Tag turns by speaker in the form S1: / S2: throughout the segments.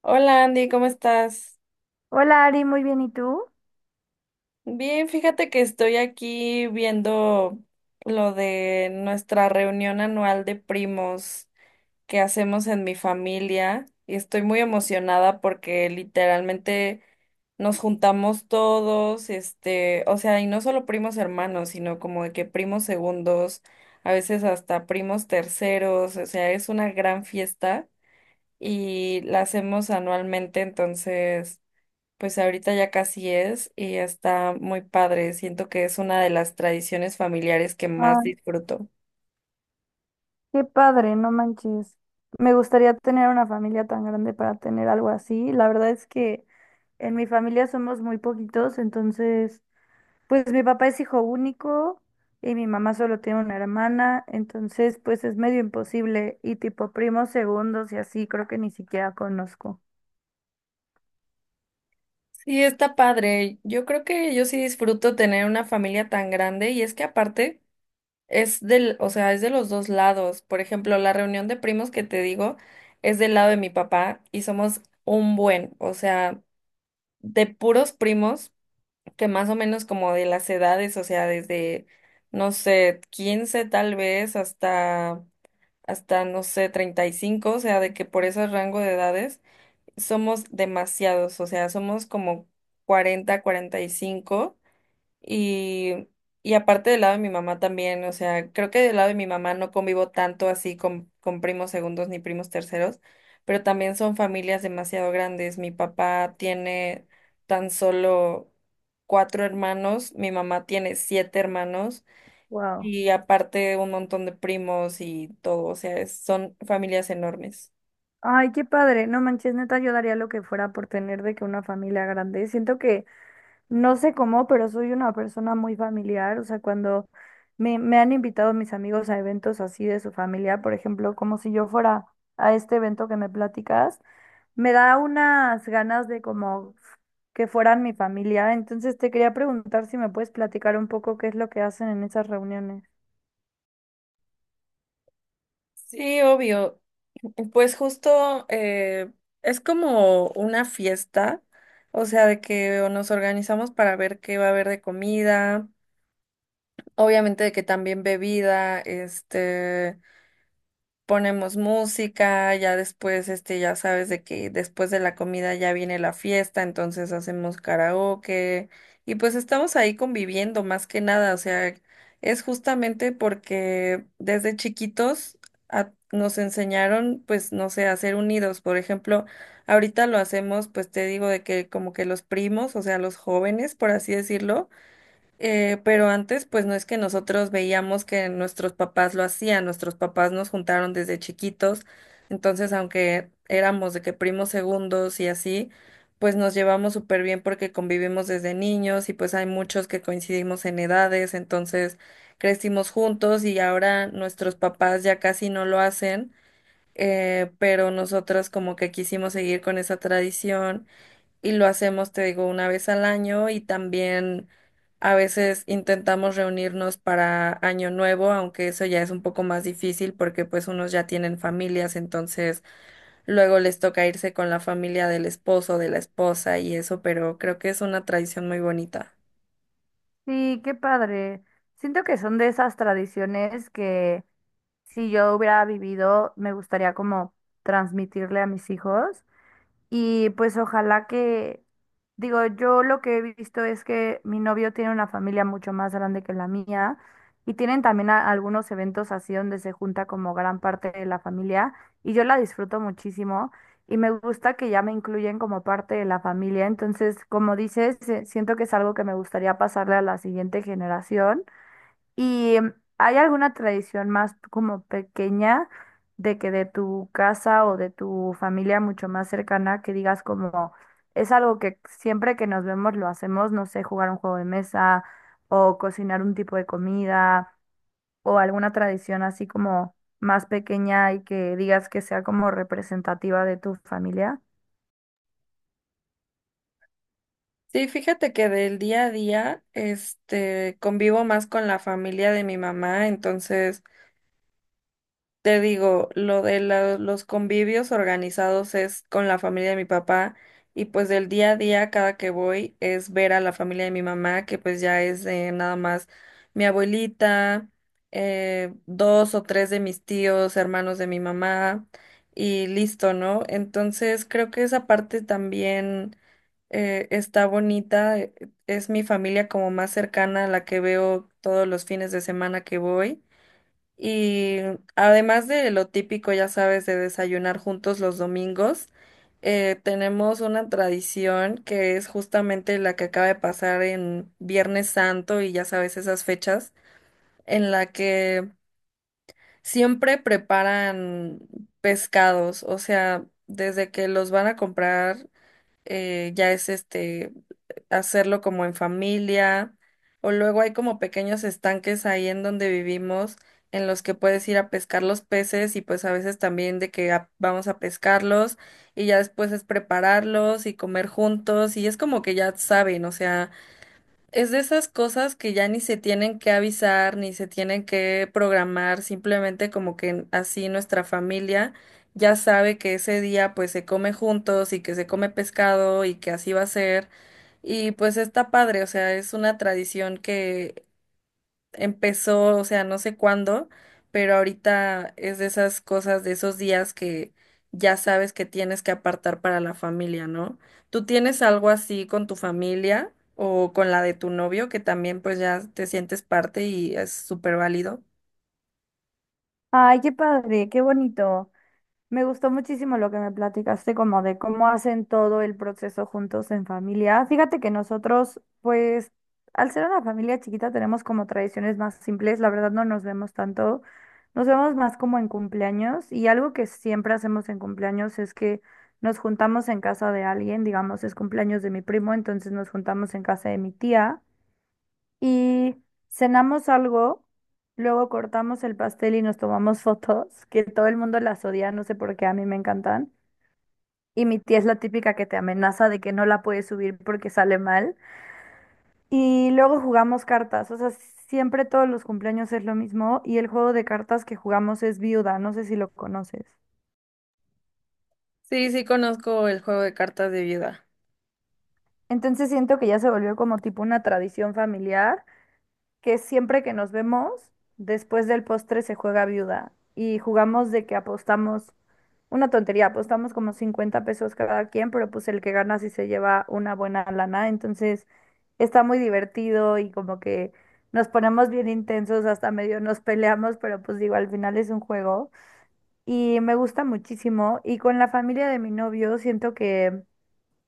S1: Hola Andy, ¿cómo estás?
S2: Hola Ari, muy bien, ¿y tú?
S1: Bien, fíjate que estoy aquí viendo lo de nuestra reunión anual de primos que hacemos en mi familia y estoy muy emocionada porque literalmente nos juntamos todos, este, o sea, y no solo primos hermanos, sino como de que primos segundos, a veces hasta primos terceros, o sea, es una gran fiesta y la hacemos anualmente, entonces... Pues ahorita ya casi es y está muy padre. Siento que es una de las tradiciones familiares que más
S2: Ay,
S1: disfruto.
S2: qué padre, no manches. Me gustaría tener una familia tan grande para tener algo así. La verdad es que en mi familia somos muy poquitos, entonces, pues mi papá es hijo único y mi mamá solo tiene una hermana, entonces, pues es medio imposible. Y tipo primos segundos y así, creo que ni siquiera conozco.
S1: Sí, está padre. Yo creo que yo sí disfruto tener una familia tan grande y es que aparte es del, o sea, es de los dos lados. Por ejemplo, la reunión de primos que te digo es del lado de mi papá y somos un buen, o sea, de puros primos que más o menos como de las edades, o sea, desde, no sé, 15 tal vez hasta, no sé, 35 o sea, de que por ese rango de edades somos demasiados, o sea, somos como 40, 45 y, cinco y aparte del lado de mi mamá también, o sea, creo que del lado de mi mamá no convivo tanto así con primos segundos ni primos terceros, pero también son familias demasiado grandes. Mi papá tiene tan solo cuatro hermanos, mi mamá tiene siete hermanos.
S2: Wow.
S1: Y aparte un montón de primos y todo, o sea, es- son familias enormes.
S2: Ay, qué padre, no manches, neta, yo daría lo que fuera por tener de que una familia grande. Siento que no sé cómo, pero soy una persona muy familiar. O sea, cuando me han invitado mis amigos a eventos así de su familia, por ejemplo, como si yo fuera a este evento que me platicas, me da unas ganas de como que fueran mi familia. Entonces te quería preguntar si me puedes platicar un poco qué es lo que hacen en esas reuniones.
S1: Sí, obvio. Pues justo es como una fiesta, o sea, de que nos organizamos para ver qué va a haber de comida, obviamente de que también bebida, este... Ponemos música, ya después, este, ya sabes de que después de la comida ya viene la fiesta, entonces hacemos karaoke y pues estamos ahí conviviendo más que nada, o sea, es justamente porque desde chiquitos a- nos enseñaron, pues, no sé, a ser unidos, por ejemplo, ahorita lo hacemos, pues te digo de que como que los primos, o sea, los jóvenes, por así decirlo, pero antes, pues no es que nosotros veíamos que nuestros papás lo hacían, nuestros papás nos juntaron desde chiquitos, entonces aunque éramos de que primos segundos y así, pues nos llevamos súper bien porque convivimos desde niños y pues hay muchos que coincidimos en edades, entonces crecimos juntos y ahora nuestros papás ya casi no lo hacen, pero nosotros como que quisimos seguir con esa tradición y lo hacemos, te digo, una vez al año y también a veces intentamos reunirnos para Año Nuevo, aunque eso ya es un poco más difícil porque pues unos ya tienen familias, entonces luego les toca irse con la familia del esposo, de la esposa y eso, pero creo que es una tradición muy bonita.
S2: Sí, qué padre. Siento que son de esas tradiciones que si yo hubiera vivido, me gustaría como transmitirle a mis hijos. Y pues ojalá que, digo, yo lo que he visto es que mi novio tiene una familia mucho más grande que la mía y tienen también algunos eventos así donde se junta como gran parte de la familia y yo la disfruto muchísimo y me gusta que ya me incluyen como parte de la familia. Entonces, como dices, siento que es algo que me gustaría pasarle a la siguiente generación. ¿Y hay alguna tradición más como pequeña de que de tu casa o de tu familia mucho más cercana que digas como es algo que siempre que nos vemos lo hacemos, no sé, jugar un juego de mesa o cocinar un tipo de comida o alguna tradición así como más pequeña y que digas que sea como representativa de tu familia?
S1: Sí, fíjate que del día a día, este, convivo más con la familia de mi mamá, entonces te digo, lo de la- los convivios organizados es con la familia de mi papá y pues del día a día cada que voy es ver a la familia de mi mamá, que pues ya es nada más mi abuelita, dos o tres de mis tíos, hermanos de mi mamá y listo, ¿no? Entonces creo que esa parte también está bonita, es mi familia como más cercana a la que veo todos los fines de semana que voy. Y además de lo típico, ya sabes, de desayunar juntos los domingos, tenemos una tradición que es justamente la que acaba de pasar en Viernes Santo y ya sabes esas fechas, en la que siempre preparan pescados, o sea, desde que los van a comprar ya es este hacerlo como en familia, o luego hay como pequeños estanques ahí en donde vivimos en los que puedes ir a pescar los peces y pues a veces también de que a- vamos a pescarlos y ya después es prepararlos y comer juntos y es como que ya saben, o sea, es de esas cosas que ya ni se tienen que avisar, ni se tienen que programar, simplemente como que así nuestra familia ya sabe que ese día pues se come juntos y que se come pescado y que así va a ser. Y pues está padre, o sea, es una tradición que empezó, o sea, no sé cuándo, pero ahorita es de esas cosas, de esos días que ya sabes que tienes que apartar para la familia, ¿no? ¿Tú tienes algo así con tu familia o con la de tu novio que también pues ya te sientes parte y es súper válido?
S2: Ay, qué padre, qué bonito. Me gustó muchísimo lo que me platicaste, como de cómo hacen todo el proceso juntos en familia. Fíjate que nosotros, pues, al ser una familia chiquita, tenemos como tradiciones más simples. La verdad no nos vemos tanto. Nos vemos más como en cumpleaños. Y algo que siempre hacemos en cumpleaños es que nos juntamos en casa de alguien. Digamos, es cumpleaños de mi primo, entonces nos juntamos en casa de mi tía y cenamos algo, luego cortamos el pastel y nos tomamos fotos, que todo el mundo las odia, no sé por qué, a mí me encantan. Y mi tía es la típica que te amenaza de que no la puedes subir porque sale mal. Y luego jugamos cartas, o sea, siempre todos los cumpleaños es lo mismo y el juego de cartas que jugamos es viuda, no sé si lo conoces.
S1: Sí, sí conozco el juego de cartas de viuda.
S2: Entonces siento que ya se volvió como tipo una tradición familiar que siempre que nos vemos, después del postre se juega viuda y jugamos de que apostamos una tontería, apostamos como 50 pesos cada quien, pero pues el que gana sí se lleva una buena lana, entonces está muy divertido y como que nos ponemos bien intensos, hasta medio nos peleamos, pero pues digo, al final es un juego y me gusta muchísimo y con la familia de mi novio siento que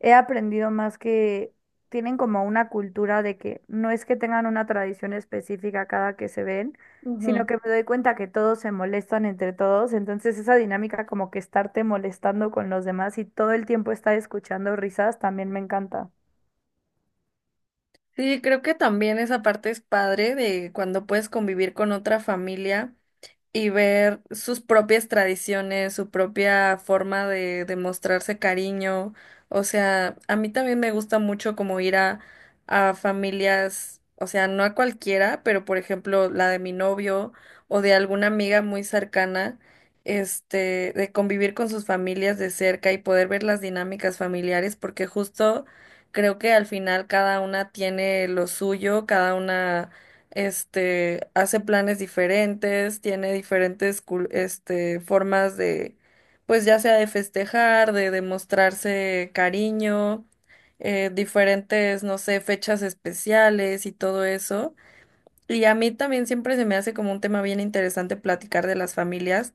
S2: he aprendido más que tienen como una cultura de que no es que tengan una tradición específica cada que se ven,
S1: Ujú.
S2: sino que me doy cuenta que todos se molestan entre todos, entonces esa dinámica como que estarte molestando con los demás y todo el tiempo estar escuchando risas también me encanta.
S1: Sí, creo que también esa parte es padre de cuando puedes convivir con otra familia y ver sus propias tradiciones, su propia forma de mostrarse cariño. O sea, a mí también me gusta mucho como ir a familias, o sea, no a cualquiera, pero por ejemplo la de mi novio o de alguna amiga muy cercana, este, de convivir con sus familias de cerca y poder ver las dinámicas familiares, porque justo creo que al final cada una tiene lo suyo, cada una este, hace planes diferentes, tiene diferentes cul- este, formas de, pues ya sea de festejar, de demostrarse cariño, diferentes, no sé, fechas especiales y todo eso. Y a mí también siempre se me hace como un tema bien interesante platicar de las familias.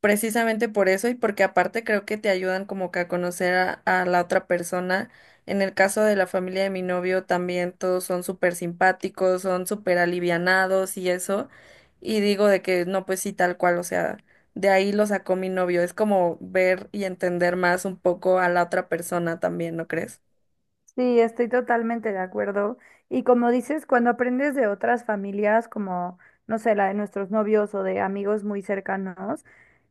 S1: Precisamente por eso y porque aparte creo que te ayudan como que a conocer a la otra persona. En el caso de la familia de mi novio también todos son súper simpáticos, son súper alivianados y eso. Y digo de que no, pues sí, tal cual, o sea, de ahí lo sacó mi novio. Es como ver y entender más un poco a la otra persona también, ¿no crees?
S2: Sí, estoy totalmente de acuerdo. Y como dices, cuando aprendes de otras familias, como, no sé, la de nuestros novios o de amigos muy cercanos,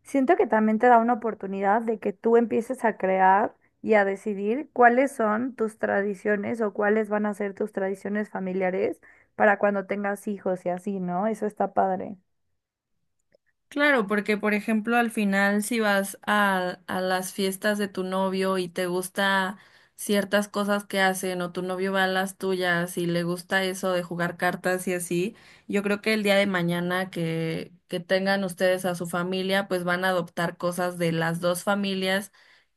S2: siento que también te da una oportunidad de que tú empieces a crear y a decidir cuáles son tus tradiciones o cuáles van a ser tus tradiciones familiares para cuando tengas hijos y así, ¿no? Eso está padre.
S1: Claro, porque por ejemplo al final si vas a las fiestas de tu novio y te gusta ciertas cosas que hacen o tu novio va a las tuyas y le gusta eso de jugar cartas y así, yo creo que el día de mañana que tengan ustedes a su familia, pues van a adoptar cosas de las dos familias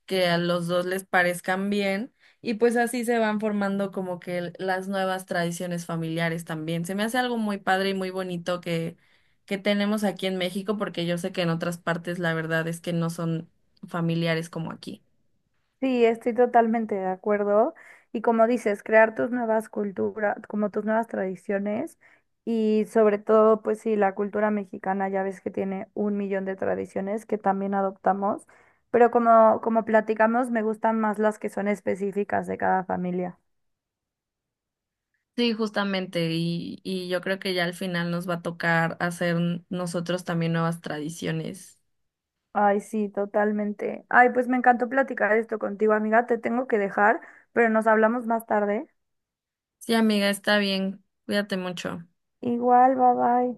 S1: que a los dos les parezcan bien y pues así se van formando como que las nuevas tradiciones familiares también. Se me hace algo muy padre y muy bonito que tenemos aquí en México, porque yo sé que en otras partes la verdad es que no son familiares como aquí.
S2: Sí, estoy totalmente de acuerdo. Y como dices, crear tus nuevas culturas, como tus nuevas tradiciones y sobre todo, pues sí, la cultura mexicana ya ves que tiene un millón de tradiciones que también adoptamos, pero como, como platicamos, me gustan más las que son específicas de cada familia.
S1: Sí, justamente, y yo creo que ya al final nos va a tocar hacer nosotros también nuevas tradiciones.
S2: Ay, sí, totalmente. Ay, pues me encantó platicar esto contigo, amiga. Te tengo que dejar, pero nos hablamos más tarde.
S1: Sí, amiga, está bien, cuídate mucho.
S2: Igual, bye bye.